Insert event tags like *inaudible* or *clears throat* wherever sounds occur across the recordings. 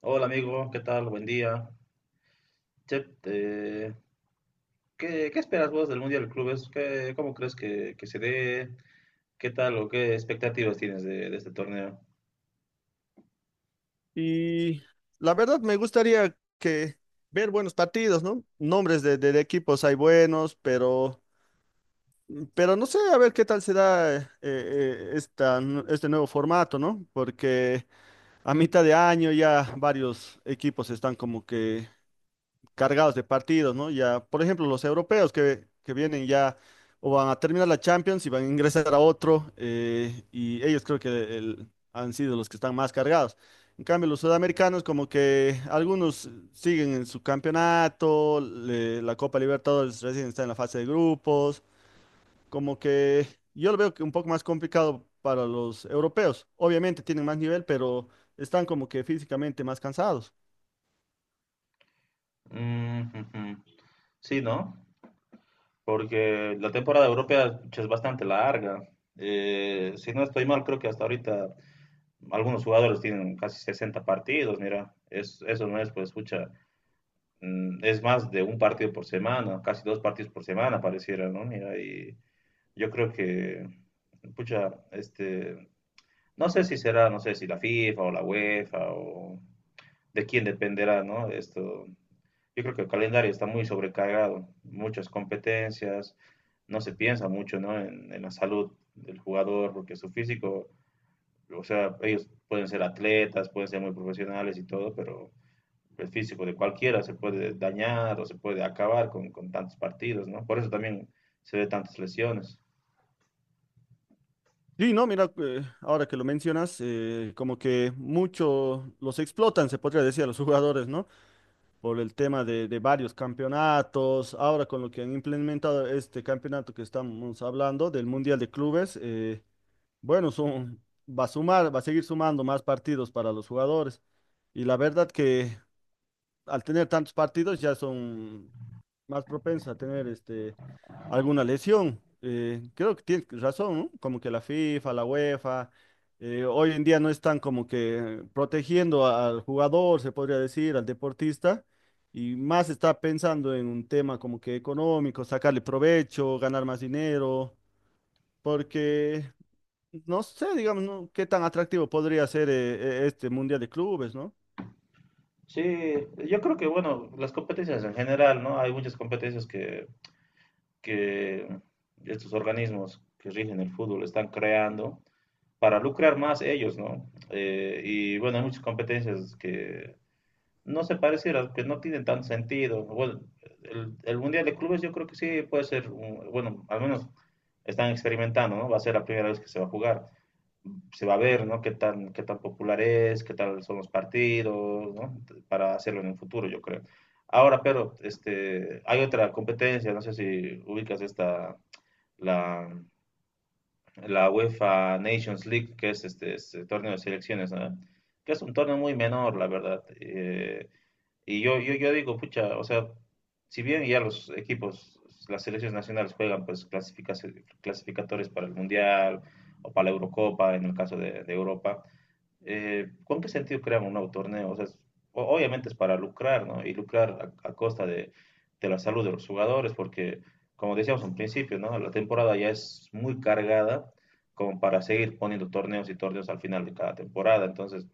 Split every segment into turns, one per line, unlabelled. Hola amigo, ¿qué tal? Buen día. Che, ¿qué esperas vos del Mundial de Clubes? ¿Qué, cómo crees que se dé? ¿Qué tal o qué expectativas tienes de este torneo?
Y la verdad me gustaría que ver buenos partidos, ¿no? Nombres de equipos hay buenos, pero no sé, a ver qué tal se da este nuevo formato, ¿no? Porque a mitad de año ya varios equipos están como que cargados de partidos, ¿no? Ya, por ejemplo, los europeos que vienen ya o van a terminar la Champions y van a ingresar a otro, y ellos creo que han sido los que están más cargados. En cambio, los sudamericanos como que algunos siguen en su campeonato, la Copa Libertadores recién está en la fase de grupos, como que yo lo veo que un poco más complicado para los europeos. Obviamente tienen más nivel, pero están como que físicamente más cansados.
Mm, ujú. Sí, ¿no? Porque la temporada europea che, es bastante larga. Si no estoy mal, creo que hasta ahorita algunos jugadores tienen casi 60 partidos, mira, es, eso no es, pues, escucha, es más de un partido por semana, casi dos partidos por semana pareciera, ¿no? Mira, y... Yo creo que, pucha, no sé si será, no sé si la FIFA o la UEFA o de quién dependerá, ¿no? Esto, yo creo que el calendario está muy sobrecargado, muchas competencias, no se piensa mucho, ¿no? En la salud del jugador, porque su físico, o sea, ellos pueden ser atletas, pueden ser muy profesionales y todo, pero el físico de cualquiera se puede dañar o se puede acabar con tantos partidos, ¿no? Por eso también se ve tantas lesiones.
Sí, no, mira, ahora que lo mencionas, como que mucho los explotan, se podría decir, a los *laughs* jugadores, ¿no? Por el tema de varios campeonatos, ahora con lo que han implementado este campeonato que estamos hablando del Mundial de Clubes, bueno, va a sumar, va a seguir sumando más partidos para los jugadores. Y la verdad que al tener tantos partidos ya son más propensas a tener alguna lesión. Creo que tienes razón, ¿no? Como que la FIFA, la UEFA, hoy en día no están como que protegiendo al jugador, se podría decir, al deportista, y más está pensando en un tema como que económico, sacarle provecho, ganar más dinero, porque no sé, digamos, ¿no? ¿Qué tan atractivo podría ser este Mundial de Clubes, ¿no?
Sí, yo creo que, bueno, las competencias en general, ¿no? Hay muchas competencias que estos organismos que rigen el fútbol están creando para lucrar más ellos, ¿no? Y bueno, hay muchas competencias que no se parecieran, que no tienen tanto sentido. Bueno, el Mundial de Clubes yo creo que sí puede ser, bueno, al menos están experimentando, ¿no? Va a ser la primera vez que se va a jugar se va a ver, ¿no? Qué tan popular es, qué tal son los partidos, ¿no? Para hacerlo en el futuro, yo creo. Ahora, pero, este, hay otra competencia, no sé si ubicas esta, la, la UEFA Nations League, que es este torneo de selecciones, ¿no? Que es un torneo muy menor, la verdad. Y yo digo, pucha, o sea, si bien ya los equipos, las selecciones nacionales juegan pues clasificatorias para el Mundial o para la Eurocopa, en el caso de Europa, ¿con qué sentido crean un nuevo torneo? O sea, obviamente es para lucrar, ¿no? Y lucrar a costa de la salud de los jugadores, porque, como decíamos en principio, ¿no? La temporada ya es muy cargada como para seguir poniendo torneos y torneos al final de cada temporada. Entonces,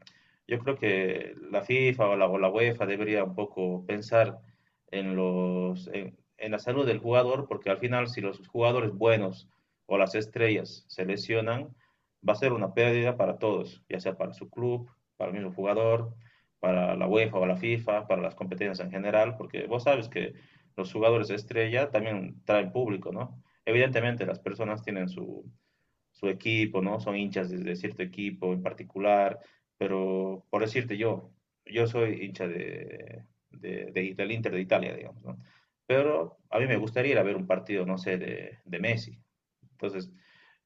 yo creo que la FIFA o o la UEFA debería un poco pensar en los, en la salud del jugador, porque al final, si los jugadores buenos o las estrellas se lesionan, va a ser una pérdida para todos, ya sea para su club, para el mismo jugador, para la UEFA o la FIFA, para las competencias en general, porque vos sabes que los jugadores estrella también traen público, ¿no? Evidentemente las personas tienen su, su equipo, ¿no? Son hinchas de, cierto equipo en particular, pero por decirte yo, yo soy hincha de, del Inter de Italia, digamos, ¿no? Pero a mí me gustaría ir a ver un partido, no sé, de Messi. Entonces,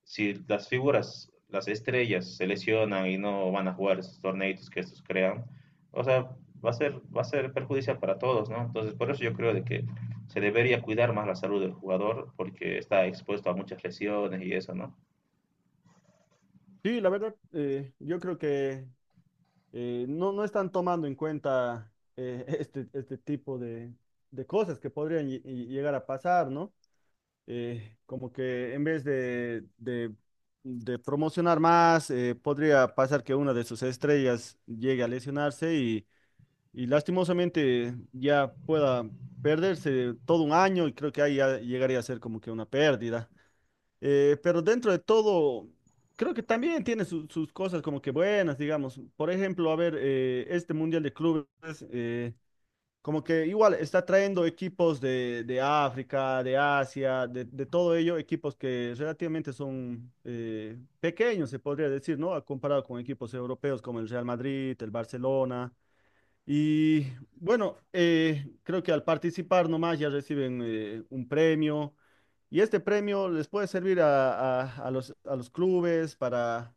si las figuras, las estrellas se lesionan y no van a jugar esos torneitos que estos crean, o sea, va a ser perjudicial para todos, ¿no? Entonces, por eso yo creo de que se debería cuidar más la salud del jugador porque está expuesto a muchas lesiones y eso, ¿no?
Sí, la verdad, yo creo que no, no están tomando en cuenta *laughs* este tipo de cosas que podrían llegar a pasar, ¿no? Como que en vez de de promocionar más, podría pasar que una de sus estrellas llegue a lesionarse y lastimosamente ya pueda perderse todo un año y creo que ahí ya llegaría a ser como que una pérdida. Pero dentro de todo, creo que también tiene sus cosas como que buenas, digamos. Por ejemplo, a ver, este Mundial de Clubes, eh, como que igual está trayendo equipos de África, de Asia, de todo ello, equipos que relativamente son pequeños, se podría decir, ¿no? Comparado con equipos europeos como el Real Madrid, el Barcelona. Y bueno, creo que al participar nomás ya reciben un premio y este premio les puede servir a los clubes para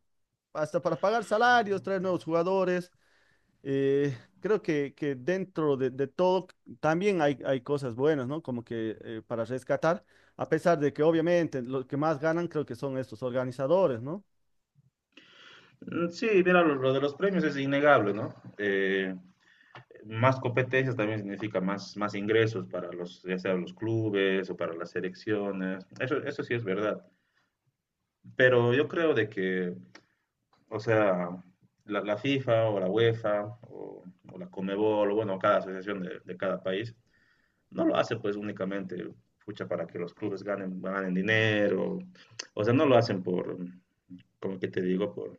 hasta para pagar salarios, traer nuevos jugadores. Creo que dentro de todo también hay cosas buenas, ¿no? Como que para rescatar, a pesar de que obviamente los que más ganan creo que son estos organizadores, ¿no?
Sí, mira, lo de los premios es innegable, ¿no? Más competencias también significa más, más ingresos para los, ya sea los clubes o para las selecciones. Eso sí es verdad. Pero yo creo de que o sea, la FIFA o la UEFA o, o la Conmebol, o bueno, cada asociación de cada país, no lo hace pues únicamente pucha, para que los clubes ganen, ganen dinero. O sea, no lo hacen por, como que te digo,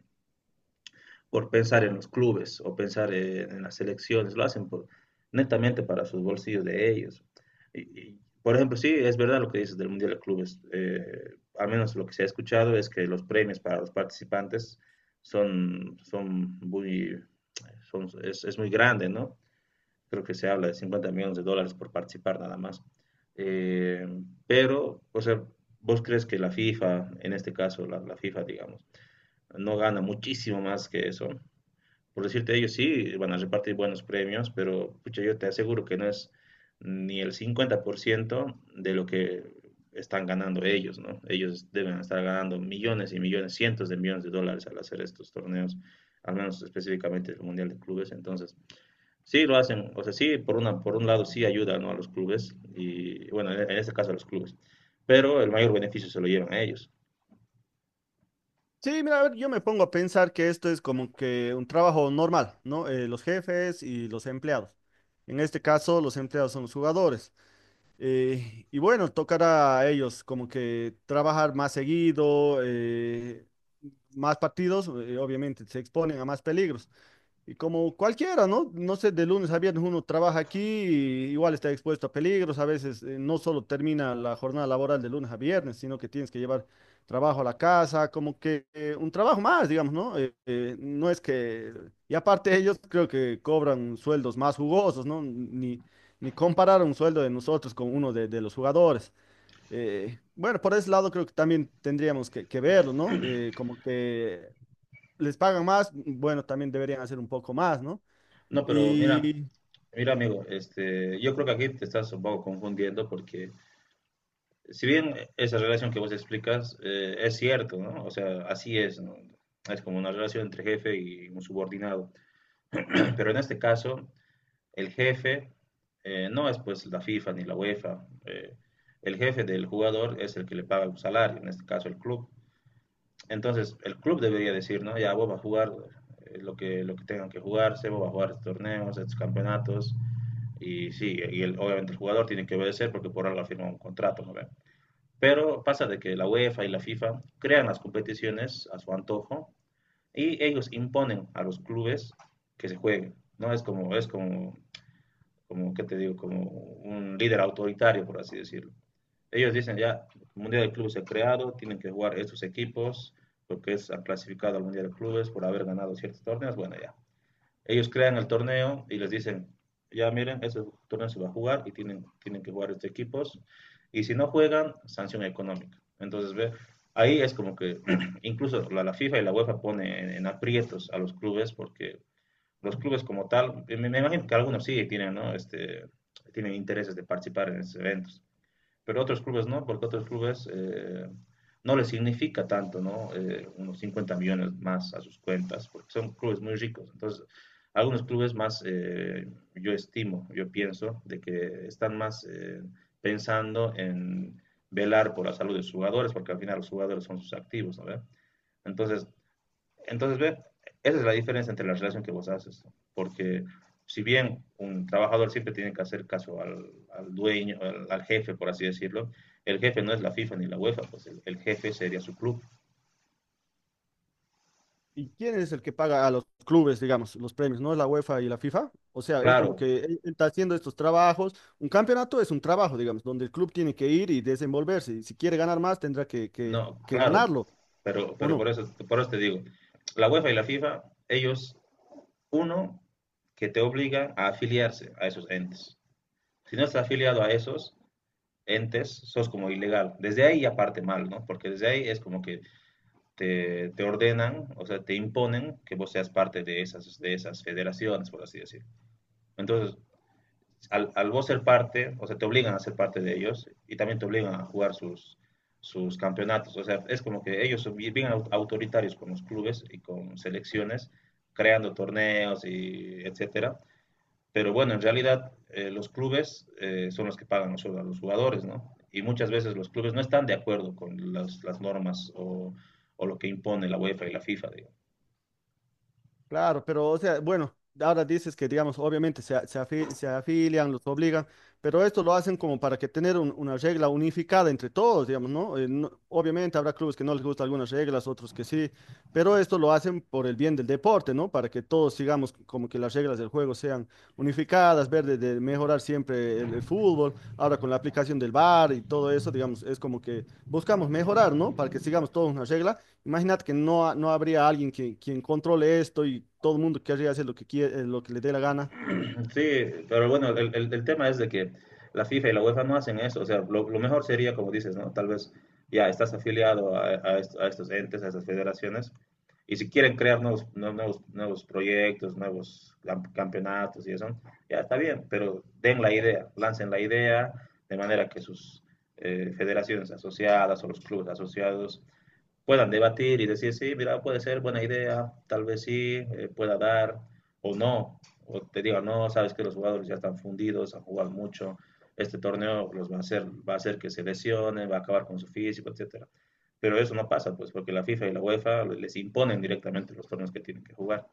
por pensar en los clubes o pensar en las selecciones, lo hacen por, netamente para sus bolsillos de ellos. Por ejemplo, sí, es verdad lo que dices del Mundial de Clubes. Al menos lo que se ha escuchado es que los premios para los participantes son, son muy, son, es muy grande, ¿no? Creo que se habla de 50 millones de dólares por participar nada más. Eh, pero, o sea, ¿vos crees que la FIFA, en este caso la FIFA, digamos, no gana muchísimo más que eso? Por decirte, ellos sí van a repartir buenos premios, pero pucha, yo te aseguro que no es ni el 50% de lo que están ganando ellos, ¿no? Ellos deben estar ganando millones y millones, cientos de millones de dólares al hacer estos torneos, al menos específicamente el Mundial de Clubes. Entonces, sí lo hacen, o sea, sí, por una, por un lado sí ayuda, ¿no? A los clubes, y bueno, en este caso a los clubes, pero el mayor beneficio se lo llevan a ellos.
Sí, mira, a ver, yo me pongo a pensar que esto es como que un trabajo normal, ¿no? Los jefes y los empleados. En este caso, los empleados son los jugadores. Y bueno, tocará a ellos como que trabajar más seguido, más partidos, obviamente se exponen a más peligros. Y como cualquiera, ¿no? No sé, de lunes a viernes uno trabaja aquí, y igual está expuesto a peligros, a veces no solo termina la jornada laboral de lunes a viernes, sino que tienes que llevar trabajo a la casa, como que un trabajo más, digamos, ¿no? No es que... Y aparte ellos creo que cobran sueldos más jugosos, ¿no? Ni comparar un sueldo de nosotros con uno de los jugadores. Bueno, por ese lado creo que también tendríamos que verlo, ¿no? Como que les pagan más, bueno, también deberían hacer un poco más, ¿no?
No, pero mira,
Y,
mira amigo, este, yo creo que aquí te estás un poco confundiendo porque si bien esa relación que vos explicas es cierto, ¿no? O sea, así es, ¿no? Es como una relación entre jefe y un subordinado. *clears throat* Pero en este caso, el jefe no es pues la FIFA ni la UEFA. El jefe del jugador es el que le paga un salario, en este caso el club. Entonces, el club debería decir, ¿no? Ya vos vas a jugar lo que tengan que jugarse, vos vas a jugar estos torneos, estos campeonatos. Y sí, y obviamente el jugador tiene que obedecer porque por algo ha un contrato, ¿no ve? Pero pasa de que la UEFA y la FIFA crean las competiciones a su antojo y ellos imponen a los clubes que se jueguen, ¿no? Como ¿qué te digo? Como un líder autoritario, por así decirlo. Ellos dicen ya, el Mundial de Clubes se ha creado, tienen que jugar estos equipos, porque es, han clasificado al Mundial de Clubes por haber ganado ciertos torneos, bueno, ya. Ellos crean el torneo y les dicen, ya miren, ese torneo se va a jugar y tienen que jugar estos equipos. Y si no juegan, sanción económica. Entonces, ve, ahí es como que *clears throat* incluso la FIFA y la UEFA pone en, aprietos a los clubes porque los clubes como tal, me imagino que algunos sí tienen, ¿no? Este, tienen intereses de participar en esos eventos pero otros clubes no, porque otros clubes no les significa tanto, ¿no? Unos 50 millones más a sus cuentas, porque son clubes muy ricos. Entonces, algunos clubes más, yo estimo, yo pienso, de que están más pensando en velar por la salud de los jugadores, porque al final los jugadores son sus activos, ¿no? Entonces, entonces, ve, esa es la diferencia entre la relación que vos haces, porque si bien un trabajador siempre tiene que hacer caso al, al dueño, al, al, jefe, por así decirlo, el jefe no es la FIFA ni la UEFA, pues el jefe sería su club.
¿Y quién es el que paga a los clubes, digamos, los premios? ¿No es la UEFA y la FIFA? O sea, es como
Claro,
que él está haciendo estos trabajos. Un campeonato es un trabajo, digamos, donde el club tiene que ir y desenvolverse. Y si quiere ganar más, tendrá
no,
que
claro,
ganarlo, ¿o
pero
no?
por eso te digo, la UEFA y la FIFA, ellos, uno, que te obliga a afiliarse a esos entes. Si no estás afiliado a esos entes, sos como ilegal. Desde ahí ya parte mal, ¿no? Porque desde ahí es como que te ordenan, o sea, te imponen que vos seas parte de esas federaciones, por así decir. Entonces, al vos ser parte, o sea, te obligan a ser parte de ellos y también te obligan a jugar sus, sus campeonatos. O sea, es como que ellos son bien autoritarios con los clubes y con selecciones, creando torneos y etcétera. Pero bueno, en realidad los clubes son los que pagan los sueldos a los jugadores, ¿no? Y muchas veces los clubes no están de acuerdo con las normas o, lo que impone la UEFA y la FIFA. Digamos.
Claro, pero o sea, bueno, ahora dices que, digamos, obviamente se afilian, los obligan, pero esto lo hacen como para que tener una regla unificada entre todos, digamos, ¿no? No, obviamente habrá clubes que no les gustan algunas reglas, otros que sí, pero esto lo hacen por el bien del deporte, ¿no? Para que todos sigamos como que las reglas del juego sean unificadas, ver de mejorar siempre el fútbol, ahora con la aplicación del VAR y todo eso, digamos, es como que buscamos mejorar, ¿no? Para que sigamos todos una regla. Imaginad que no, no habría alguien que, quien controle esto y todo el mundo querría hacer lo que quiere, lo que le dé la gana.
Sí, pero bueno, el tema es de que la FIFA y la UEFA no hacen eso. O sea, lo mejor sería, como dices, ¿no? Tal vez ya estás afiliado a, a estos entes, a estas federaciones, y si quieren crear nuevos, nuevos proyectos, campeonatos y eso, ya está bien, pero den la idea, lancen la idea de manera que sus federaciones asociadas o los clubes asociados puedan debatir y decir, sí, mira, puede ser buena idea, tal vez sí, pueda dar o no, o te diga, no, sabes que los jugadores ya están fundidos, han jugado mucho, este torneo los va a hacer que se lesionen, va a acabar con su físico, etcétera. Pero eso no pasa, pues, porque la FIFA y la UEFA les imponen directamente los torneos que tienen que jugar.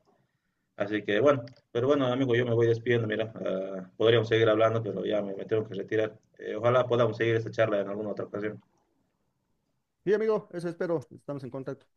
Así que, bueno, pero bueno, amigo, yo me voy despidiendo, mira, podríamos seguir hablando, pero ya me tengo que retirar. Ojalá podamos seguir esta charla en alguna otra ocasión.
Sí, amigo, eso espero. Estamos en contacto.